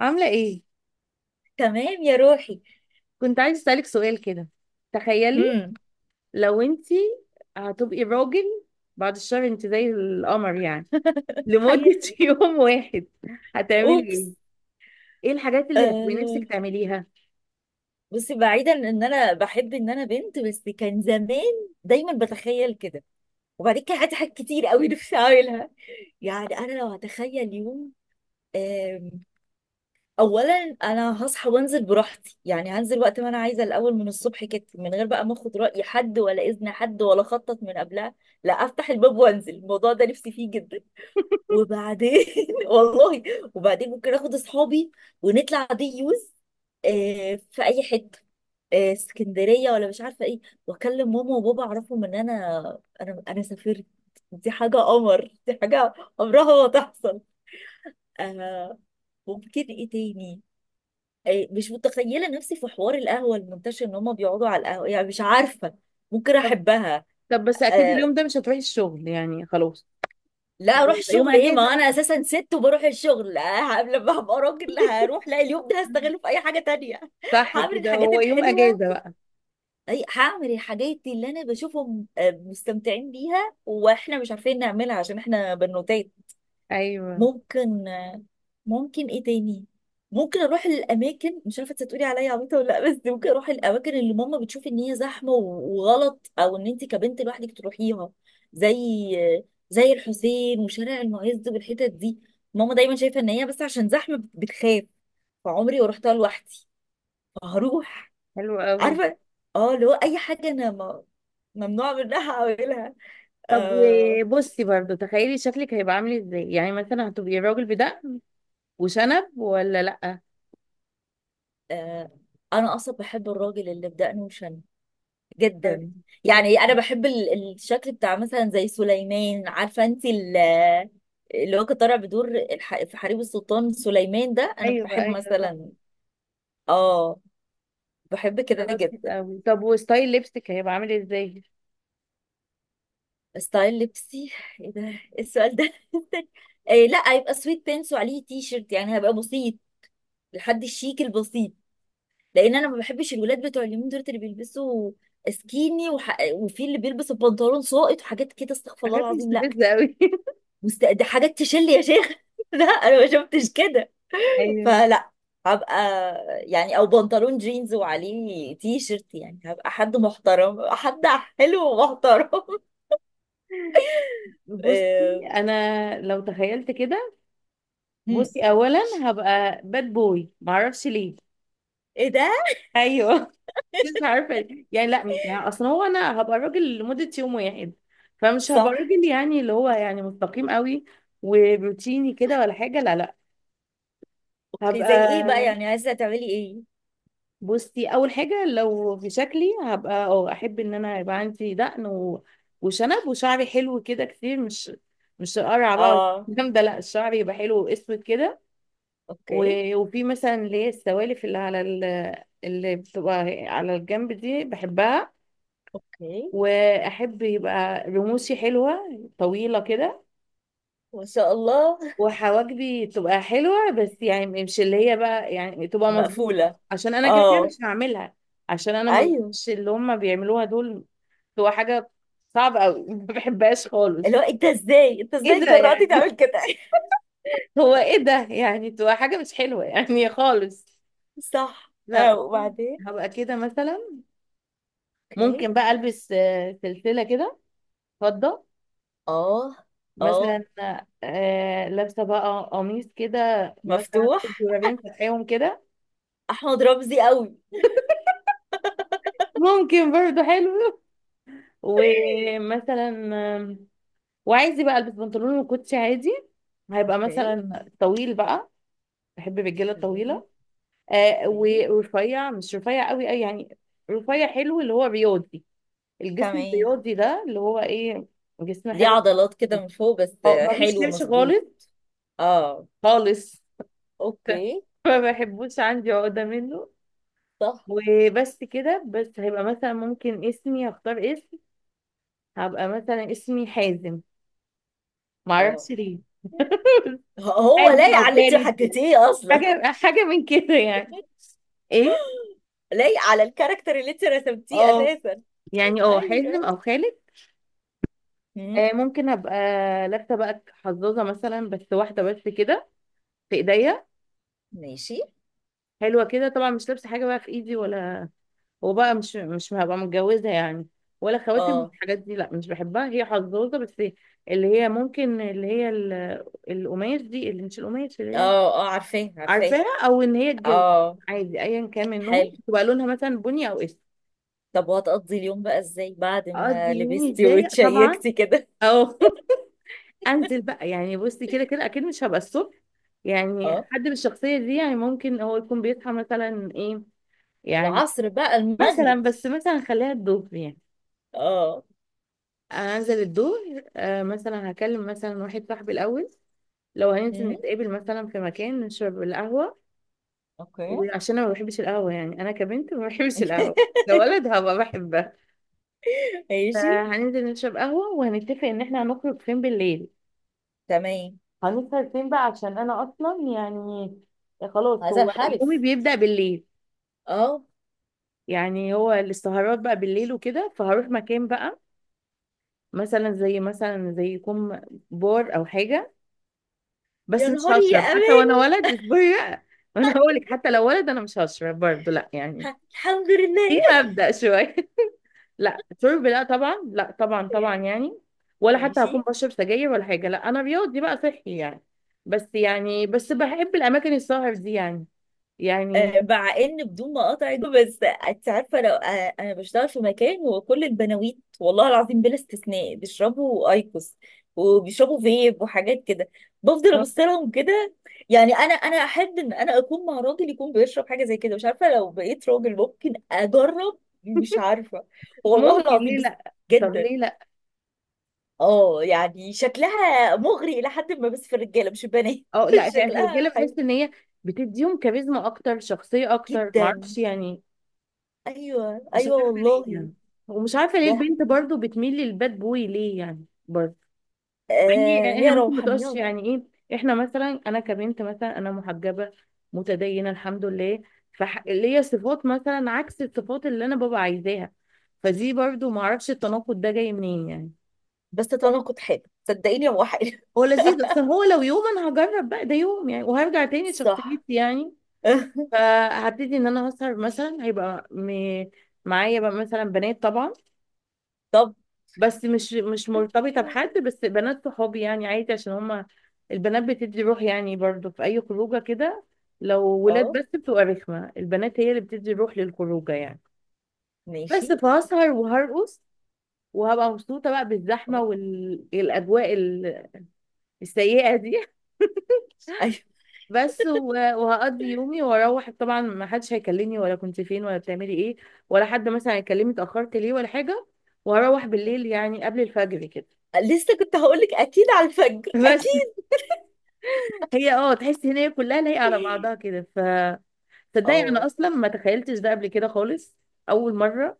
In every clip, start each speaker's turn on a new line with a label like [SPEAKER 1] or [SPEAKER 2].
[SPEAKER 1] عاملة ايه؟
[SPEAKER 2] تمام يا روحي.
[SPEAKER 1] كنت عايز اسألك سؤال كده. تخيلي،
[SPEAKER 2] امم.
[SPEAKER 1] لو انتي هتبقي راجل بعد الشهر، انت زي القمر يعني، لمدة
[SPEAKER 2] حياتي.
[SPEAKER 1] يوم واحد، هتعملي
[SPEAKER 2] اوبس.
[SPEAKER 1] ايه؟ ايه الحاجات اللي هتبقي نفسك
[SPEAKER 2] آه.
[SPEAKER 1] تعمليها؟
[SPEAKER 2] بصي، بعيدا ان انا بحب ان انا بنت، بس كان زمان دايما بتخيل كده. وبعدين كان عندي حاجات كتير قوي نفسي اعملها. يعني انا لو هتخيل يوم، آم، اولا انا هصحى وانزل براحتي، يعني هنزل وقت ما انا عايزه الاول من الصبح كده، من غير بقى ما اخد راي حد ولا اذن حد ولا اخطط من قبلها. لا، افتح الباب وانزل. الموضوع ده نفسي فيه جدا. وبعدين والله. وبعدين ممكن اخد اصحابي ونطلع دي يوز، في اي حته، اسكندريه ولا مش عارفه ايه. واكلم ماما وبابا اعرفهم ان انا انا سافرت. دي حاجه قمر، دي حاجه عمرها ما تحصل. آه، ممكن ايه تاني. مش متخيله نفسي في حوار القهوه المنتشر ان هم بيقعدوا على القهوه، يعني مش عارفه ممكن
[SPEAKER 1] طب
[SPEAKER 2] احبها.
[SPEAKER 1] طب، بس اكيد
[SPEAKER 2] آه،
[SPEAKER 1] اليوم ده مش هتروحي الشغل يعني خلاص،
[SPEAKER 2] لا
[SPEAKER 1] هو
[SPEAKER 2] اروح
[SPEAKER 1] يبقى يوم
[SPEAKER 2] الشغل ايه،
[SPEAKER 1] اجازة
[SPEAKER 2] ما
[SPEAKER 1] بقى.
[SPEAKER 2] انا اساسا ست وبروح الشغل، لما هبقى راجل هروح، لا اليوم ده هستغله في اي حاجه تانية.
[SPEAKER 1] صح
[SPEAKER 2] هعمل
[SPEAKER 1] كده،
[SPEAKER 2] الحاجات
[SPEAKER 1] هو يوم
[SPEAKER 2] الحلوه.
[SPEAKER 1] اجازة بقى.
[SPEAKER 2] اي هعمل الحاجات اللي انا بشوفهم مستمتعين بيها واحنا مش عارفين نعملها عشان احنا بنوتات.
[SPEAKER 1] ايوه،
[SPEAKER 2] ممكن. ممكن ايه تاني. ممكن اروح للاماكن، مش عارفه انت تقولي عليا عبيطه ولا لا، بس ممكن اروح الاماكن اللي ماما بتشوف ان هي زحمه وغلط، او ان انت كبنت لوحدك تروحيها. زي، زي الحسين وشارع المعز والحتت دي. ماما دايما شايفه ان هي بس عشان زحمه بتخاف، فعمري ما رحتها لوحدي. فهروح.
[SPEAKER 1] حلو قوي.
[SPEAKER 2] عارفه، اه اللي هو اي حاجه انا ما ممنوع منها اعملها.
[SPEAKER 1] طب،
[SPEAKER 2] آه.
[SPEAKER 1] بصي برضو، تخيلي شكلك هيبقى عامل ازاي، يعني مثلا هتبقي راجل بدقن وشنب ولا لأ؟
[SPEAKER 2] آه. انا اصلا بحب الراجل اللي بدقنه وشنه جدا. يعني انا
[SPEAKER 1] طيب.
[SPEAKER 2] بحب الشكل بتاع مثلا زي سليمان، عارفه انت اللي هو كان طالع بدور في حريم السلطان سليمان ده، انا
[SPEAKER 1] ايوه
[SPEAKER 2] بحب
[SPEAKER 1] ايوه، طب
[SPEAKER 2] مثلا. اه، بحب كده
[SPEAKER 1] خلاص، حلو
[SPEAKER 2] جدا.
[SPEAKER 1] قوي. طب وستايل لبسك هيبقى عامل ازاي؟
[SPEAKER 2] ستايل لبسي؟ ايه ده، إيه السؤال ده؟ إيه، لا هيبقى سويت بانس وعليه تي شيرت، يعني هبقى بسيط، لحد الشيك البسيط. لان انا ما بحبش الولاد بتوع اليومين دول اللي بيلبسوا سكيني وفي اللي بيلبس البنطلون ساقط وحاجات كده، استغفر الله
[SPEAKER 1] حاجات
[SPEAKER 2] العظيم، لا.
[SPEAKER 1] مستفزه قوي.
[SPEAKER 2] دي حاجات تشل يا شيخ. لا انا ما شفتش كده.
[SPEAKER 1] ايوه.
[SPEAKER 2] فلا. هبقى يعني، او بنطلون جينز وعليه تي شيرت، يعني هبقى حد محترم، حد حلو ومحترم.
[SPEAKER 1] بصي،
[SPEAKER 2] آه.
[SPEAKER 1] انا لو تخيلت كده،
[SPEAKER 2] هم.
[SPEAKER 1] بصي اولا هبقى باد بوي، معرفش ليه.
[SPEAKER 2] ايه ده.
[SPEAKER 1] ايوه. مش عارفه يعني، لا يعني اصلا هو انا هبقى راجل لمده يوم واحد، فمش هبقى
[SPEAKER 2] صح.
[SPEAKER 1] راجل يعني اللي هو يعني مستقيم قوي وروتيني كده ولا حاجه، لا لا.
[SPEAKER 2] اوكي، زي ايه بقى؟
[SPEAKER 1] هبقى،
[SPEAKER 2] يعني عايزه تعملي ايه؟
[SPEAKER 1] بصي اول حاجه، لو في شكلي هبقى، اه احب ان انا يبقى عندي دقن وشنب، وشعري حلو كده كتير، مش قرع بقى
[SPEAKER 2] اه.
[SPEAKER 1] والكلام ده، لا الشعر يبقى حلو واسود كده و...
[SPEAKER 2] اوكي.
[SPEAKER 1] وفي مثلا اللي هي السوالف اللي بتبقى على الجنب دي بحبها.
[SPEAKER 2] اوكي.
[SPEAKER 1] واحب يبقى رموشي حلوه طويله كده،
[SPEAKER 2] ما شاء الله.
[SPEAKER 1] وحواجبي تبقى حلوة، بس يعني مش اللي هي بقى يعني تبقى مظبوطة،
[SPEAKER 2] مقفوله.
[SPEAKER 1] عشان انا كده كده
[SPEAKER 2] اه.
[SPEAKER 1] مش هعملها، عشان انا ما
[SPEAKER 2] ايوه.
[SPEAKER 1] بحبش اللي هم بيعملوها دول، تبقى حاجة صعبة قوي. ما بحبهاش
[SPEAKER 2] اللي
[SPEAKER 1] خالص.
[SPEAKER 2] هو انت ازاي؟ انت
[SPEAKER 1] ايه
[SPEAKER 2] ازاي
[SPEAKER 1] ده
[SPEAKER 2] جرأتي
[SPEAKER 1] يعني؟
[SPEAKER 2] تعمل كده؟
[SPEAKER 1] هو ايه ده يعني، تبقى حاجة مش حلوة يعني خالص.
[SPEAKER 2] صح،
[SPEAKER 1] لا
[SPEAKER 2] اه.
[SPEAKER 1] والله.
[SPEAKER 2] وبعدين.
[SPEAKER 1] هبقى كده مثلا،
[SPEAKER 2] اوكي.
[SPEAKER 1] ممكن بقى البس سلسلة كده، فضة
[SPEAKER 2] اه. اه.
[SPEAKER 1] مثلا. لابسة بقى قميص كده، مثلا أخد
[SPEAKER 2] مفتوح.
[SPEAKER 1] زرارين فاتحيهم كده.
[SPEAKER 2] احمد رمزي قوي.
[SPEAKER 1] ممكن برضه حلو. ومثلا، آم، وعايزة بقى البس بنطلون وكوتشي عادي. هيبقى
[SPEAKER 2] اوكي.
[SPEAKER 1] مثلا طويل بقى، بحب الرجاله
[SPEAKER 2] تمام.
[SPEAKER 1] الطويله. آه
[SPEAKER 2] اوكي.
[SPEAKER 1] ورفيع، مش رفيع قوي اي يعني، رفيع حلو اللي هو رياضي، الجسم
[SPEAKER 2] تمام.
[SPEAKER 1] الرياضي ده اللي هو ايه، جسم
[SPEAKER 2] ليه
[SPEAKER 1] حلو.
[SPEAKER 2] عضلات كده من فوق بس؟
[SPEAKER 1] اه ما فيش
[SPEAKER 2] حلو
[SPEAKER 1] لبس
[SPEAKER 2] مظبوط.
[SPEAKER 1] خالص،
[SPEAKER 2] اه.
[SPEAKER 1] خالص.
[SPEAKER 2] اوكي.
[SPEAKER 1] ما بحبوش، عندي عقده منه.
[SPEAKER 2] صح.
[SPEAKER 1] وبس كده، بس هيبقى مثلا ممكن اسمي اختار اسم، هبقى مثلا اسمي حازم،
[SPEAKER 2] اه.
[SPEAKER 1] معرفش ليه.
[SPEAKER 2] هو
[SPEAKER 1] حازم
[SPEAKER 2] لايق
[SPEAKER 1] او
[SPEAKER 2] على اللي انت
[SPEAKER 1] خالد،
[SPEAKER 2] حكيتيه اصلا.
[SPEAKER 1] حاجة حاجة من كده يعني، ايه.
[SPEAKER 2] لايق على الكاركتر اللي انت رسمتيه
[SPEAKER 1] اه
[SPEAKER 2] اساسا.
[SPEAKER 1] يعني اه حازم
[SPEAKER 2] ايوه.
[SPEAKER 1] او خالد.
[SPEAKER 2] مم.
[SPEAKER 1] آه ممكن ابقى لابسه بقى حظاظه مثلا، بس واحده بس كده، في ايديا،
[SPEAKER 2] ماشي.
[SPEAKER 1] حلوه كده طبعا. مش لابسه حاجه بقى في ايدي ولا، وبقى مش هبقى متجوزه يعني، ولا خواتم
[SPEAKER 2] اه.
[SPEAKER 1] الحاجات دي، لا مش بحبها، هي حظاظه بس، اللي هي ممكن القماش دي، اللي مش القماش اللي
[SPEAKER 2] اه.
[SPEAKER 1] هي
[SPEAKER 2] اه عارفاه، عارفاه.
[SPEAKER 1] عارفاها، او ان هي الجلد
[SPEAKER 2] اه.
[SPEAKER 1] عادي، ايا كان منهم
[SPEAKER 2] حلو.
[SPEAKER 1] تبقى لونها مثلا بني او اسود.
[SPEAKER 2] طب، وهتقضي اليوم بقى ازاي بعد
[SPEAKER 1] اقضي
[SPEAKER 2] ما
[SPEAKER 1] يومي
[SPEAKER 2] لبستي
[SPEAKER 1] ازاي طبعا.
[SPEAKER 2] وتشيكتي كده؟
[SPEAKER 1] اه. انزل بقى يعني، بصي كده كده اكيد مش هبقى الصبح، يعني
[SPEAKER 2] اه.
[SPEAKER 1] حد بالشخصيه دي يعني ممكن هو يكون بيصحى مثلا ايه يعني،
[SPEAKER 2] العصر بقى،
[SPEAKER 1] مثلا
[SPEAKER 2] المغرب.
[SPEAKER 1] بس مثلا خليها الظهر يعني.
[SPEAKER 2] اه.
[SPEAKER 1] انزل الظهر مثلا هكلم مثلا واحد صاحبي الاول، لو هننزل
[SPEAKER 2] مم.
[SPEAKER 1] نتقابل مثلا في مكان نشرب القهوه.
[SPEAKER 2] اوكي.
[SPEAKER 1] وعشان انا ما بحبش القهوه، يعني انا كبنت ما بحبش القهوه، لو ولد هبقى بحبها.
[SPEAKER 2] ماشي.
[SPEAKER 1] فهننزل نشرب قهوه، وهنتفق ان احنا هنخرج فين بالليل،
[SPEAKER 2] تمام.
[SPEAKER 1] هنسهر فين بقى، عشان انا اصلا يعني خلاص،
[SPEAKER 2] هذا
[SPEAKER 1] هو يومي
[SPEAKER 2] الحرف.
[SPEAKER 1] بيبدأ بالليل،
[SPEAKER 2] اه.
[SPEAKER 1] يعني هو السهرات بقى بالليل وكده، فهروح مكان بقى، مثلا زي يكون بار او حاجة. بس
[SPEAKER 2] يا
[SPEAKER 1] مش
[SPEAKER 2] نهاري، يا
[SPEAKER 1] هشرب حتى وانا
[SPEAKER 2] اماني.
[SPEAKER 1] ولد، اصبري بقى. وانا هقول لك، حتى لو ولد انا مش هشرب برضه، لا يعني
[SPEAKER 2] الحمد لله.
[SPEAKER 1] ايه مبدأ شوية. لا شرب، لا طبعا، لا طبعا طبعا يعني، ولا حتى هكون
[SPEAKER 2] ماشي.
[SPEAKER 1] بشرب سجاير ولا حاجة، لا انا رياضي بقى صحي يعني. بس يعني بس بحب الاماكن السهر دي يعني، يعني
[SPEAKER 2] مع ان بدون ما اقاطعك، بس انت عارفه لو انا بشتغل في مكان وكل البناويت والله العظيم بلا استثناء بيشربوا ايكوس وبيشربوا فيب وحاجات كده، بفضل
[SPEAKER 1] آه،
[SPEAKER 2] ابص لهم كده. يعني انا احب ان انا اكون مع راجل يكون بيشرب حاجه زي كده، مش عارفه، لو بقيت راجل ممكن اجرب. مش عارفه، والله
[SPEAKER 1] ممكن
[SPEAKER 2] العظيم.
[SPEAKER 1] ليه
[SPEAKER 2] بس
[SPEAKER 1] لا، طب
[SPEAKER 2] جدا.
[SPEAKER 1] ليه لا.
[SPEAKER 2] اه يعني شكلها مغري الى حد ما، بس في الرجاله مش البنات.
[SPEAKER 1] اه لا يعني في الرجاله
[SPEAKER 2] شكلها
[SPEAKER 1] بحس
[SPEAKER 2] حلو
[SPEAKER 1] ان هي بتديهم كاريزما اكتر، شخصيه اكتر،
[SPEAKER 2] جدا.
[SPEAKER 1] معرفش يعني.
[SPEAKER 2] ايوه
[SPEAKER 1] مش
[SPEAKER 2] ايوه
[SPEAKER 1] عارفه ليه
[SPEAKER 2] والله.
[SPEAKER 1] يعني، ومش عارفه ليه
[SPEAKER 2] ده
[SPEAKER 1] البنت برضو بتميل للباد بوي ليه يعني برضو،
[SPEAKER 2] آه
[SPEAKER 1] يعني احنا
[SPEAKER 2] هي
[SPEAKER 1] ممكن ما تقولش
[SPEAKER 2] روحانيات.
[SPEAKER 1] يعني ايه. احنا مثلا، انا كبنت مثلا، انا محجبه متدينه الحمد لله، فليا صفات مثلا عكس الصفات اللي انا بابا عايزاها، فدي برضو معرفش التناقض ده جاي منين يعني.
[SPEAKER 2] بس تتناقض حاجة، صدقيني هو حاجة.
[SPEAKER 1] هو لذيذ، بس هو لو يوم انا هجرب بقى ده يوم يعني، وهرجع تاني لشخصيتي
[SPEAKER 2] صح.
[SPEAKER 1] يعني. فهبتدي ان انا اسهر، مثلا هيبقى معايا بقى مثلا بنات طبعا،
[SPEAKER 2] طب.
[SPEAKER 1] بس مش مرتبطه بحد، بس بنات صحابي يعني عادي، عشان هما البنات بتدي روح يعني، برضو في اي خروجه كده، لو ولاد
[SPEAKER 2] اه.
[SPEAKER 1] بس بتبقى رخمه، البنات هي اللي بتدي روح للخروجه يعني.
[SPEAKER 2] ماشي.
[SPEAKER 1] بس فهسهر وهرقص، وهبقى مبسوطه بقى بالزحمه
[SPEAKER 2] اه.
[SPEAKER 1] والاجواء السيئه دي.
[SPEAKER 2] ايوه
[SPEAKER 1] بس وهقضي يومي واروح، طبعا ما حدش هيكلمني ولا كنت فين ولا بتعملي ايه، ولا حد مثلا هيكلمني اتاخرت ليه ولا حاجه، وهروح بالليل يعني قبل الفجر كده.
[SPEAKER 2] لسه كنت هقولك اكيد على الفجر،
[SPEAKER 1] بس،
[SPEAKER 2] اكيد.
[SPEAKER 1] هي تحسي ان هي كلها لايقه على بعضها كده، ف تصدقي انا
[SPEAKER 2] اه.
[SPEAKER 1] اصلا ما تخيلتش ده قبل كده خالص، اول مره.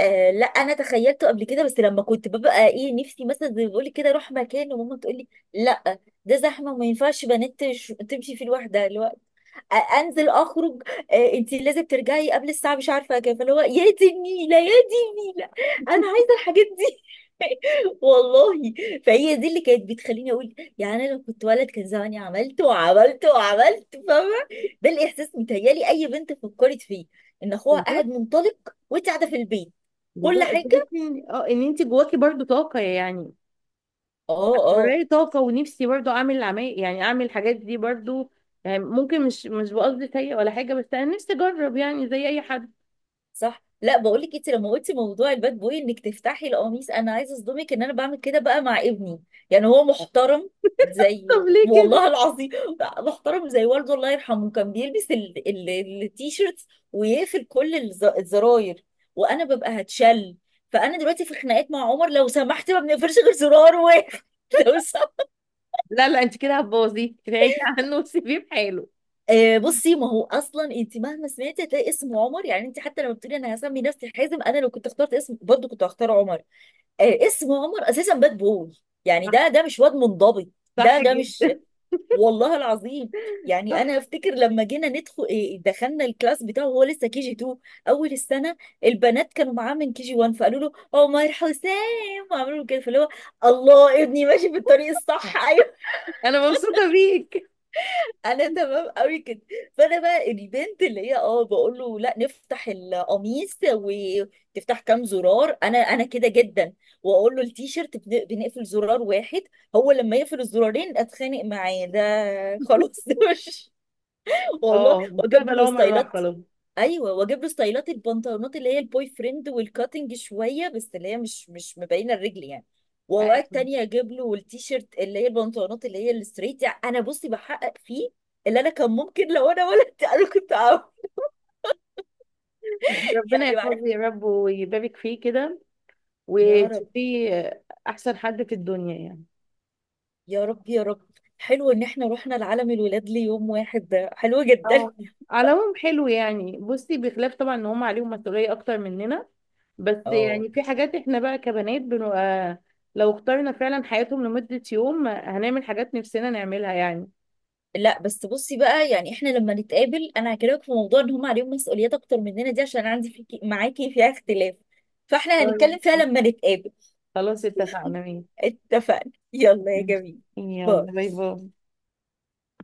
[SPEAKER 2] لا انا تخيلته قبل كده، بس لما كنت ببقى ايه نفسي، مثلا زي ما بقولك كده اروح مكان وماما تقولي لا، ده زحمه وما ينفعش بنات تمشي فيه لوحدها. اللي هو انزل اخرج. انت لازم ترجعي قبل الساعه مش عارفه كام، فاللي هو يا دي النيله، يا دي النيله. انا عايزه الحاجات، والله. فهي دي اللي كانت بتخليني اقول يعني انا لو كنت ولد كان زماني عملت وعملت وعملت، فاهمه؟ ده الاحساس متهيالي اي بنت فكرت فيه ان اخوها قاعد
[SPEAKER 1] بالظبط.
[SPEAKER 2] منطلق وانت قاعده في البيت. كل
[SPEAKER 1] بالظبط،
[SPEAKER 2] حاجه.
[SPEAKER 1] تحسي ان انت جواكي برضو طاقه يعني،
[SPEAKER 2] اه اه.
[SPEAKER 1] وراي طاقه، ونفسي برضو اعمل عمال يعني اعمل الحاجات دي برضو، يعني ممكن مش بقصد سيء ولا حاجه، بس انا نفسي اجرب يعني زي اي حد.
[SPEAKER 2] صح. لا بقول لك، انت لما قلتي موضوع الباد بوي انك تفتحي القميص، انا عايزه اصدمك ان انا بعمل كده بقى مع ابني. يعني هو محترم
[SPEAKER 1] طب
[SPEAKER 2] زي،
[SPEAKER 1] ليه
[SPEAKER 2] والله
[SPEAKER 1] كده؟
[SPEAKER 2] العظيم، محترم زي والده الله يرحمه. كان بيلبس التيشيرتس ويقفل كل الزراير وانا ببقى هتشل. فانا دلوقتي في خناقات مع عمر لو سمحت، ما بنقفلش غير زرار واحد. لو سمحت.
[SPEAKER 1] لا لا، انت كده هتبوظيه، ابعدي عنه وسيبيه بحاله.
[SPEAKER 2] بصي، ما هو اصلا انت مهما سمعتي هتلاقي اسم عمر. يعني انت حتى لما بتقولي انا هسمي نفسي حازم، انا لو كنت اخترت اسم برضه كنت هختار عمر. اسم عمر اساسا باد بوي، يعني ده
[SPEAKER 1] صح،
[SPEAKER 2] ده مش واد منضبط. ده
[SPEAKER 1] صح
[SPEAKER 2] ده مش،
[SPEAKER 1] جدا.
[SPEAKER 2] والله العظيم.
[SPEAKER 1] صح.
[SPEAKER 2] يعني انا افتكر لما جينا ندخل دخلنا الكلاس بتاعه وهو لسه كي جي 2 اول السنه. البنات كانوا معاه من كي جي 1، فقالوا له عمر حسام وعملوا له كده، فاللي هو الله، ابني ماشي في الطريق الصح.
[SPEAKER 1] انا مبسوطه بيك.
[SPEAKER 2] انا تمام قوي كده. فانا بقى البنت اللي هي بقول له لا نفتح القميص وتفتح كام زرار، انا كده جدا. واقول له التيشيرت بنقفل زرار واحد، هو لما يقفل الزرارين اتخانق معاه. ده خلاص، ده مش، والله.
[SPEAKER 1] اه،
[SPEAKER 2] واجيب
[SPEAKER 1] مستقبل
[SPEAKER 2] له
[SPEAKER 1] عمر راح
[SPEAKER 2] ستايلات.
[SPEAKER 1] خلاص.
[SPEAKER 2] ايوه، واجيب له ستايلات البنطلونات اللي هي البوي فريند والكاتنج شويه، بس اللي هي مش مبينه الرجل يعني. واوقات
[SPEAKER 1] أيوة.
[SPEAKER 2] تانية اجيب له التيشيرت اللي هي البنطلونات اللي هي الستريت، يعني انا بصي بحقق فيه اللي انا كان ممكن لو انا ولدت انا كنت اعمل.
[SPEAKER 1] ربنا
[SPEAKER 2] يعني بعرف.
[SPEAKER 1] يحفظه يا رب، ويبارك فيه كده،
[SPEAKER 2] يا رب.
[SPEAKER 1] وتشوفيه احسن حد في الدنيا يعني.
[SPEAKER 2] يا رب يا رب. حلو ان احنا رحنا لعالم الولاد ليوم واحد، ده حلو جدا.
[SPEAKER 1] اه على العموم حلو يعني، بصي بخلاف طبعا ان هم عليهم مسؤوليه اكتر مننا، بس
[SPEAKER 2] اه.
[SPEAKER 1] يعني في حاجات احنا بقى كبنات بنبقى، لو اخترنا فعلا حياتهم لمده يوم هنعمل حاجات نفسنا نعملها يعني.
[SPEAKER 2] لا بس بصي بقى، يعني احنا لما نتقابل انا هكلمك في موضوع ان هم عليهم مسؤوليات اكتر مننا دي، عشان عندي فيكي معاكي فيها اختلاف، فاحنا هنتكلم فيها
[SPEAKER 1] طيب.
[SPEAKER 2] لما نتقابل.
[SPEAKER 1] خلاص اتفقنا، ماشي.
[SPEAKER 2] اتفقنا، يلا يا جميل.
[SPEAKER 1] يلا
[SPEAKER 2] باي.
[SPEAKER 1] باي باي.